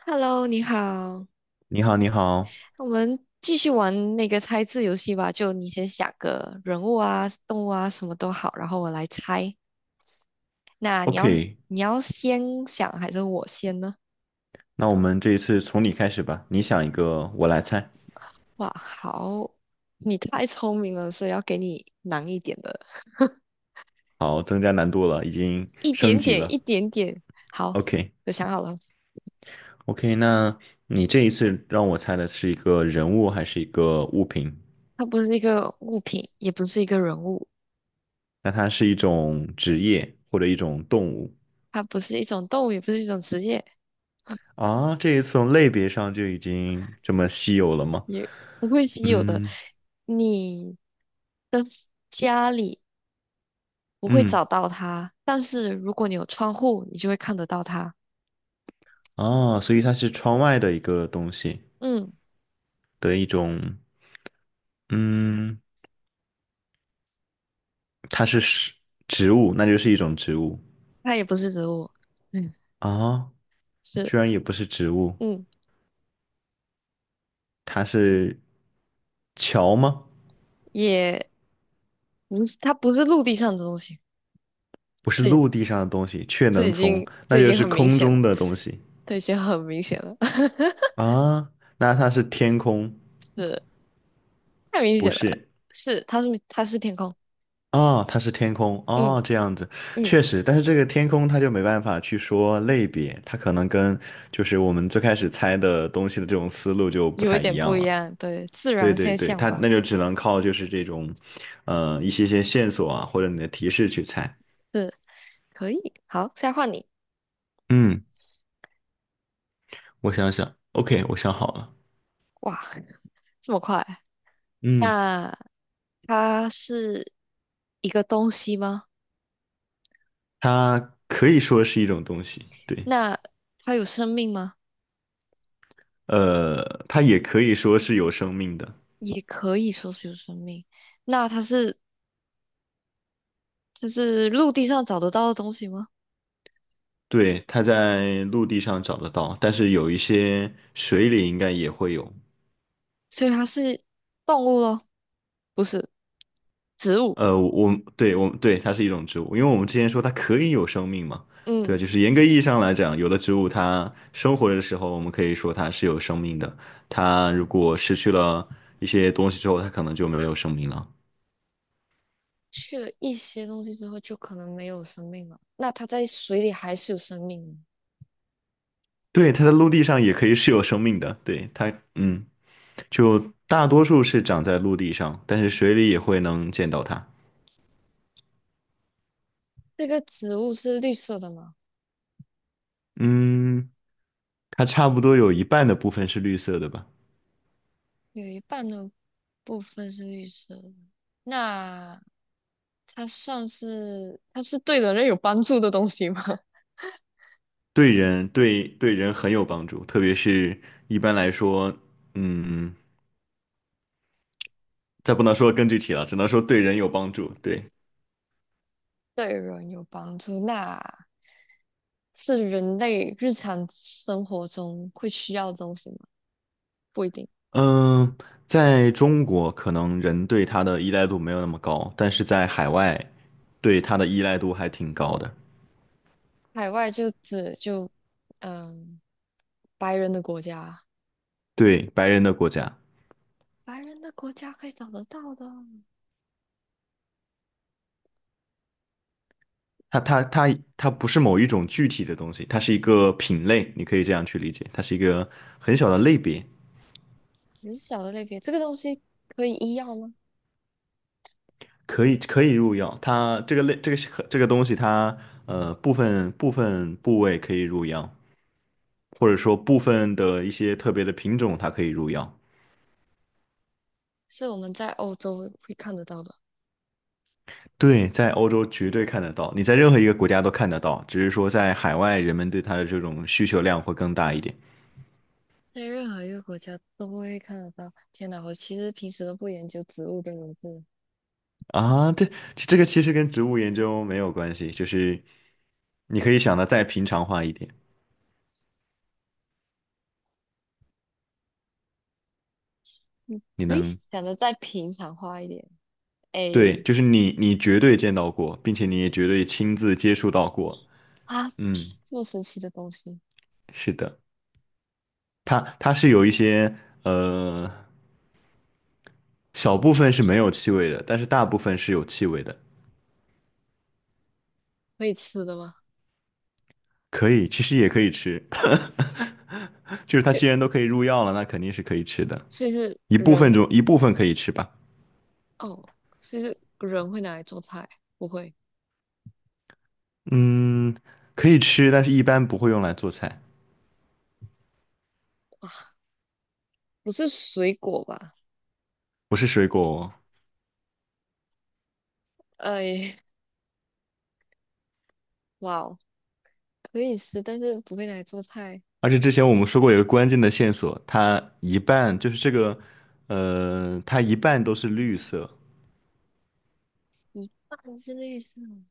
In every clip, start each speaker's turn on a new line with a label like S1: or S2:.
S1: Hello，你好，
S2: 你好，你好
S1: 我们继续玩那个猜字游戏吧。就你先想个人物啊、动物啊，什么都好，然后我来猜。那你要是
S2: ，OK，
S1: 你要先想还是我先呢？
S2: 那我们这一次从你开始吧，你想一个，我来猜。
S1: 哇，好，你太聪明了，所以要给你难一点的，
S2: 好，增加难度了，已经
S1: 一
S2: 升
S1: 点
S2: 级
S1: 点，
S2: 了。
S1: 一点点。好，
S2: OK，OK，
S1: 我想好了，
S2: 那你这一次让我猜的是一个人物还是一个物品？
S1: 它不是一个物品，也不是一个人物，
S2: 那它是一种职业或者一种动物
S1: 它不是一种动物，也不是一种职业，
S2: 啊？这一次从类别上就已经这么稀有了吗？
S1: 也不会稀有的。
S2: 嗯
S1: 你的家里。不会
S2: 嗯，
S1: 找到它，但是如果你有窗户，你就会看得到它。
S2: 啊，所以它是窗外的一个东西
S1: 嗯，
S2: 的一种。嗯，它是植物，那就是一种植物。
S1: 它也不是植物，嗯，
S2: 啊，
S1: 是，
S2: 居然也不是植物，
S1: 嗯，
S2: 它是桥吗？
S1: 也不是，它不是陆地上的东西。
S2: 不是
S1: 这
S2: 陆地上的东西，却
S1: 这
S2: 能
S1: 已
S2: 从，
S1: 经这
S2: 那
S1: 已
S2: 就
S1: 经
S2: 是
S1: 很明
S2: 空
S1: 显了，
S2: 中的东西
S1: 这已经很明显了，
S2: 啊。那它是天空，
S1: 是太明
S2: 不
S1: 显了，
S2: 是
S1: 它是天空，
S2: 啊，它是天空
S1: 嗯
S2: 哦，这样子
S1: 嗯，
S2: 确实，但是这个天空它就没办法去说类别，它可能跟就是我们最开始猜的东西的这种思路就不
S1: 有一
S2: 太一
S1: 点不
S2: 样
S1: 一
S2: 了。
S1: 样，对，自
S2: 对
S1: 然
S2: 对
S1: 现
S2: 对，
S1: 象
S2: 它那
S1: 吧，
S2: 就只能靠就是这种，一些些线索啊，或者你的提示去猜。
S1: 是可以。好，现在换你，
S2: 嗯。我想想，OK，我想好了。
S1: 哇，这么快，
S2: 嗯，
S1: 那。它是一个东西吗？
S2: 它可以说是一种东西，对。
S1: 那它有生命吗？
S2: 它也可以说是有生命的。
S1: 也可以说是有生命。那它是它是陆地上找得到的东西吗？
S2: 对，它在陆地上找得到，但是有一些水里应该也会有。
S1: 所以它是动物咯，不是植物。
S2: 我，对，我，对，它是一种植物，因为我们之前说它可以有生命嘛。对，
S1: 嗯，
S2: 就是严格意义上来讲，有的植物它生活的时候，我们可以说它是有生命的，它如果失去了一些东西之后，它可能就没有生命了。
S1: 去了一些东西之后，就可能没有生命了。那它在水里还是有生命的
S2: 对，它在陆地上也可以是有生命的，对，它，嗯，就大多数是长在陆地上，但是水里也会能见到它。
S1: 这个植物是绿色的吗？
S2: 嗯，它差不多有一半的部分是绿色的吧？
S1: 有一半的部分是绿色的。那它算是它是对人类有帮助的东西吗？
S2: 对人，对人很有帮助，特别是一般来说，嗯，再不能说更具体了，只能说对人有帮助。对。
S1: 对人有帮助，那是人类日常生活中会需要的东西吗？不一定。
S2: 嗯，在中国可能人对它的依赖度没有那么高，但是在海外对它的依赖度还挺高的。
S1: 海外就指嗯，白人的国家，
S2: 对，白人的国家。
S1: 白人的国家可以找得到的
S2: 它它不是某一种具体的东西，它是一个品类，你可以这样去理解，它是一个很小的类别。
S1: 很小的类别。这个东西可以医药吗？
S2: 可以，可以入药。它这个类，这个东西它，部分部位可以入药，或者说部分的一些特别的品种它可以入药。
S1: 是我们在欧洲会看得到的，
S2: 对，在欧洲绝对看得到，你在任何一个国家都看得到，只是说在海外人们对它的这种需求量会更大一点。
S1: 在任何一个国家都会看得到。天哪，我其实平时都不研究植物的名字，
S2: 啊，对，这个其实跟植物研究没有关系，就是你可以想的再平常化一点，你
S1: 可以
S2: 能，
S1: 想的再平常化一点。A，
S2: 对，就是你绝对见到过，并且你也绝对亲自接触到过。
S1: 啊，
S2: 嗯，
S1: 这么神奇的东西
S2: 是的，它是有一些呃小部分是没有气味的，但是大部分是有气味的。
S1: 可以吃的吗？
S2: 可以，其实也可以吃。就是它既然
S1: 就
S2: 都可以入药了，那肯定是可以吃的。
S1: 其实
S2: 一部分
S1: 人
S2: 中一部分可以吃吧。
S1: 哦，其实人会拿来做菜，不会，
S2: 嗯，可以吃，但是一般不会用来做菜。
S1: 不是水果吧？
S2: 不是水果哦。
S1: 哎，哇哦，可以吃，但是不会拿来做菜，
S2: 而且之前我们说过有个关键的线索，它一半就是这个。它一半都是绿色。
S1: 一半之类是吗？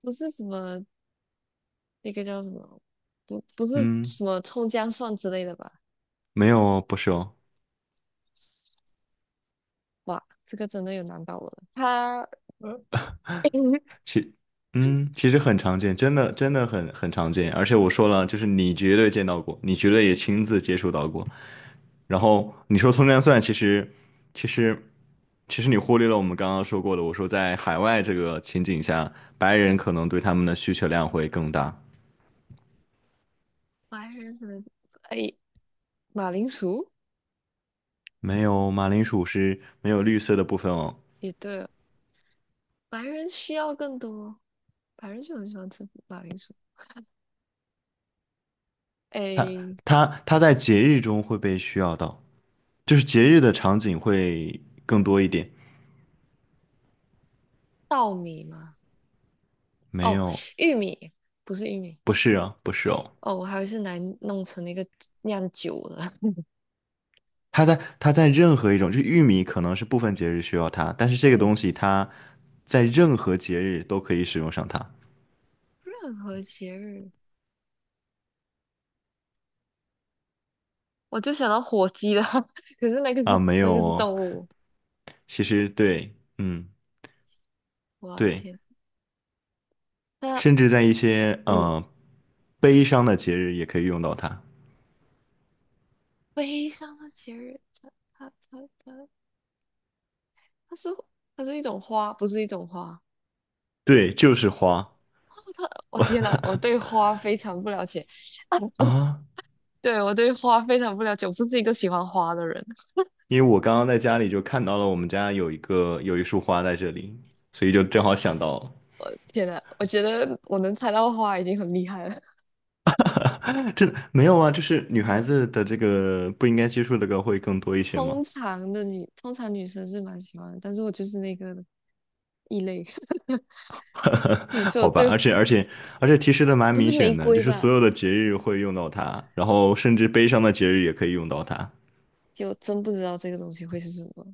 S1: 不是什么那个叫什么，不不是
S2: 嗯，
S1: 什么葱姜蒜之类的吧？
S2: 没有哦，不是哦。
S1: 哇，这个真的有难到我了。他
S2: 其，嗯，其实很常见，真的真的很很常见。而且我说了，就是你绝对见到过，你绝对也亲自接触到过。然后你说葱姜蒜，其实其实你忽略了我们刚刚说过的，我说在海外这个情景下，白人可能对他们的需求量会更大。
S1: 白人可能哎，马铃薯
S2: 没有，马铃薯是没有绿色的部分哦。
S1: 也对哦，白人需要更多，白人就很喜欢吃马铃薯。
S2: 它
S1: 哎，
S2: 它在节日中会被需要到，就是节日的场景会更多一点。
S1: 稻米嘛。
S2: 没
S1: 哦，
S2: 有，
S1: 玉米不是玉米，
S2: 不是啊，不是哦。
S1: 哦，我还以为是来弄成那个酿酒的。
S2: 它在任何一种，就玉米可能是部分节日需要它，但是这个
S1: 嗯，
S2: 东西它在任何节日都可以使用上它。
S1: 任何节日，我就想到火鸡了，可是那个是
S2: 啊，没
S1: 那
S2: 有
S1: 个是
S2: 哦。
S1: 动物。
S2: 其实对，嗯，
S1: 我
S2: 对，
S1: 天，那
S2: 甚至在一些
S1: 嗯，
S2: 悲伤的节日也可以用到它。
S1: 悲伤的节日，它它是它是一种花，不是一种花。
S2: 对，就是花。
S1: 哦它，天呐，我对 花非常不了解，
S2: 啊。
S1: 对花非常不了解，我不是一个喜欢花的人。
S2: 因为我刚刚在家里就看到了我们家有一个有一束花在这里，所以就正好想到。
S1: 天呐，我觉得我能猜到花已经很厉害了。
S2: 啊这没有啊，就是女孩子的这个不应该接触的歌会更多一些吗？
S1: 通常女生是蛮喜欢的，但是我就是那个异类。对，所以我
S2: 好吧，
S1: 对
S2: 而且提示的蛮
S1: 不是
S2: 明
S1: 玫
S2: 显的，就
S1: 瑰
S2: 是
S1: 吧？
S2: 所有的节日会用到它，然后甚至悲伤的节日也可以用到它。
S1: 就我真不知道这个东西会是什么。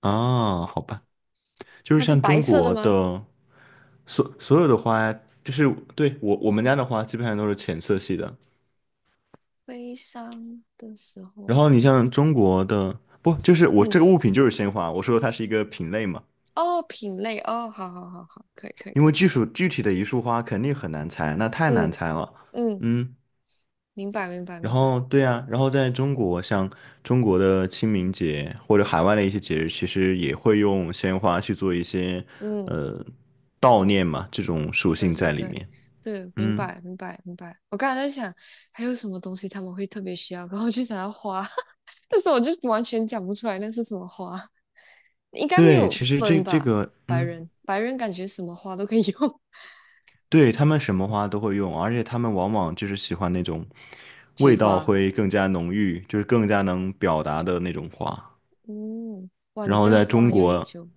S2: 啊，好吧，就
S1: 它
S2: 是
S1: 是
S2: 像
S1: 白
S2: 中
S1: 色的
S2: 国
S1: 吗？
S2: 的所所有的花，就是对我我们家的花基本上都是浅色系的，
S1: 悲伤的时
S2: 然
S1: 候，
S2: 后你像中国的，不，就是我这
S1: 嗯，
S2: 个物品就是鲜花，我说它是一个品类嘛，
S1: 哦，品类，哦，好好好好，可以可以
S2: 因
S1: 可
S2: 为
S1: 以，
S2: 具属具体的一束花肯定很难猜，那太难
S1: 嗯
S2: 猜了。
S1: 嗯，
S2: 嗯，
S1: 明白明白明
S2: 然
S1: 白，
S2: 后对呀，然后在中国，像中国的清明节或者海外的一些节日，其实也会用鲜花去做一些
S1: 嗯，
S2: 呃悼
S1: 明白
S2: 念嘛，这种属
S1: 对
S2: 性
S1: 对
S2: 在里
S1: 对
S2: 面。
S1: 对，明
S2: 嗯，
S1: 白明白明白。我刚才在想，还有什么东西他们会特别需要，然后就想要花，但是我就完全讲不出来那是什么花，应该没
S2: 对，
S1: 有
S2: 其实这
S1: 分
S2: 这
S1: 吧？
S2: 个，
S1: 白
S2: 嗯。
S1: 人白人感觉什么花都可以用，
S2: 对，他们什么花都会用，而且他们往往就是喜欢那种
S1: 菊
S2: 味道
S1: 花。
S2: 会更加浓郁，就是更加能表达的那种花。
S1: 嗯，哇，你
S2: 然后
S1: 对
S2: 在
S1: 花
S2: 中
S1: 很有研
S2: 国，
S1: 究。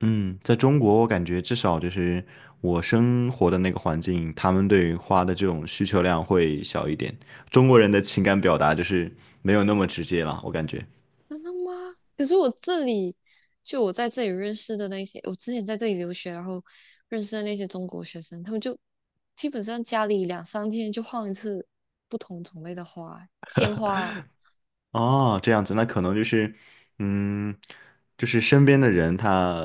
S2: 嗯，在中国，我感觉至少就是我生活的那个环境，他们对花的这种需求量会小一点。中国人的情感表达就是没有那么直接了，我感觉。
S1: 真的吗？可是我这里，就我在这里认识的那些，我之前在这里留学，然后认识的那些中国学生，他们就基本上家里两三天就换一次不同种类的花，鲜花。
S2: 哦，这样子，那可能就是，嗯，就是身边的人他，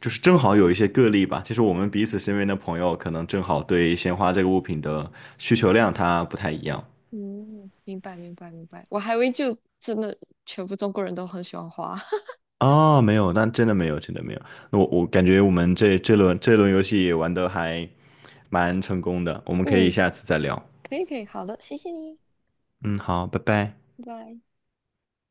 S2: 就是正好有一些个例吧。就是我们彼此身边的朋友，可能正好对鲜花这个物品的需求量它不太一样。
S1: 嗯，明白明白明白。我还以为就真的全部中国人都很喜欢花。
S2: 哦，没有，那真的没有，真的没有。那我感觉我们这轮游戏玩的还蛮成功的，我们可以
S1: 嗯，
S2: 下次再聊。
S1: 可以可以，好的，谢谢你，
S2: 嗯，好，拜拜。
S1: 拜拜。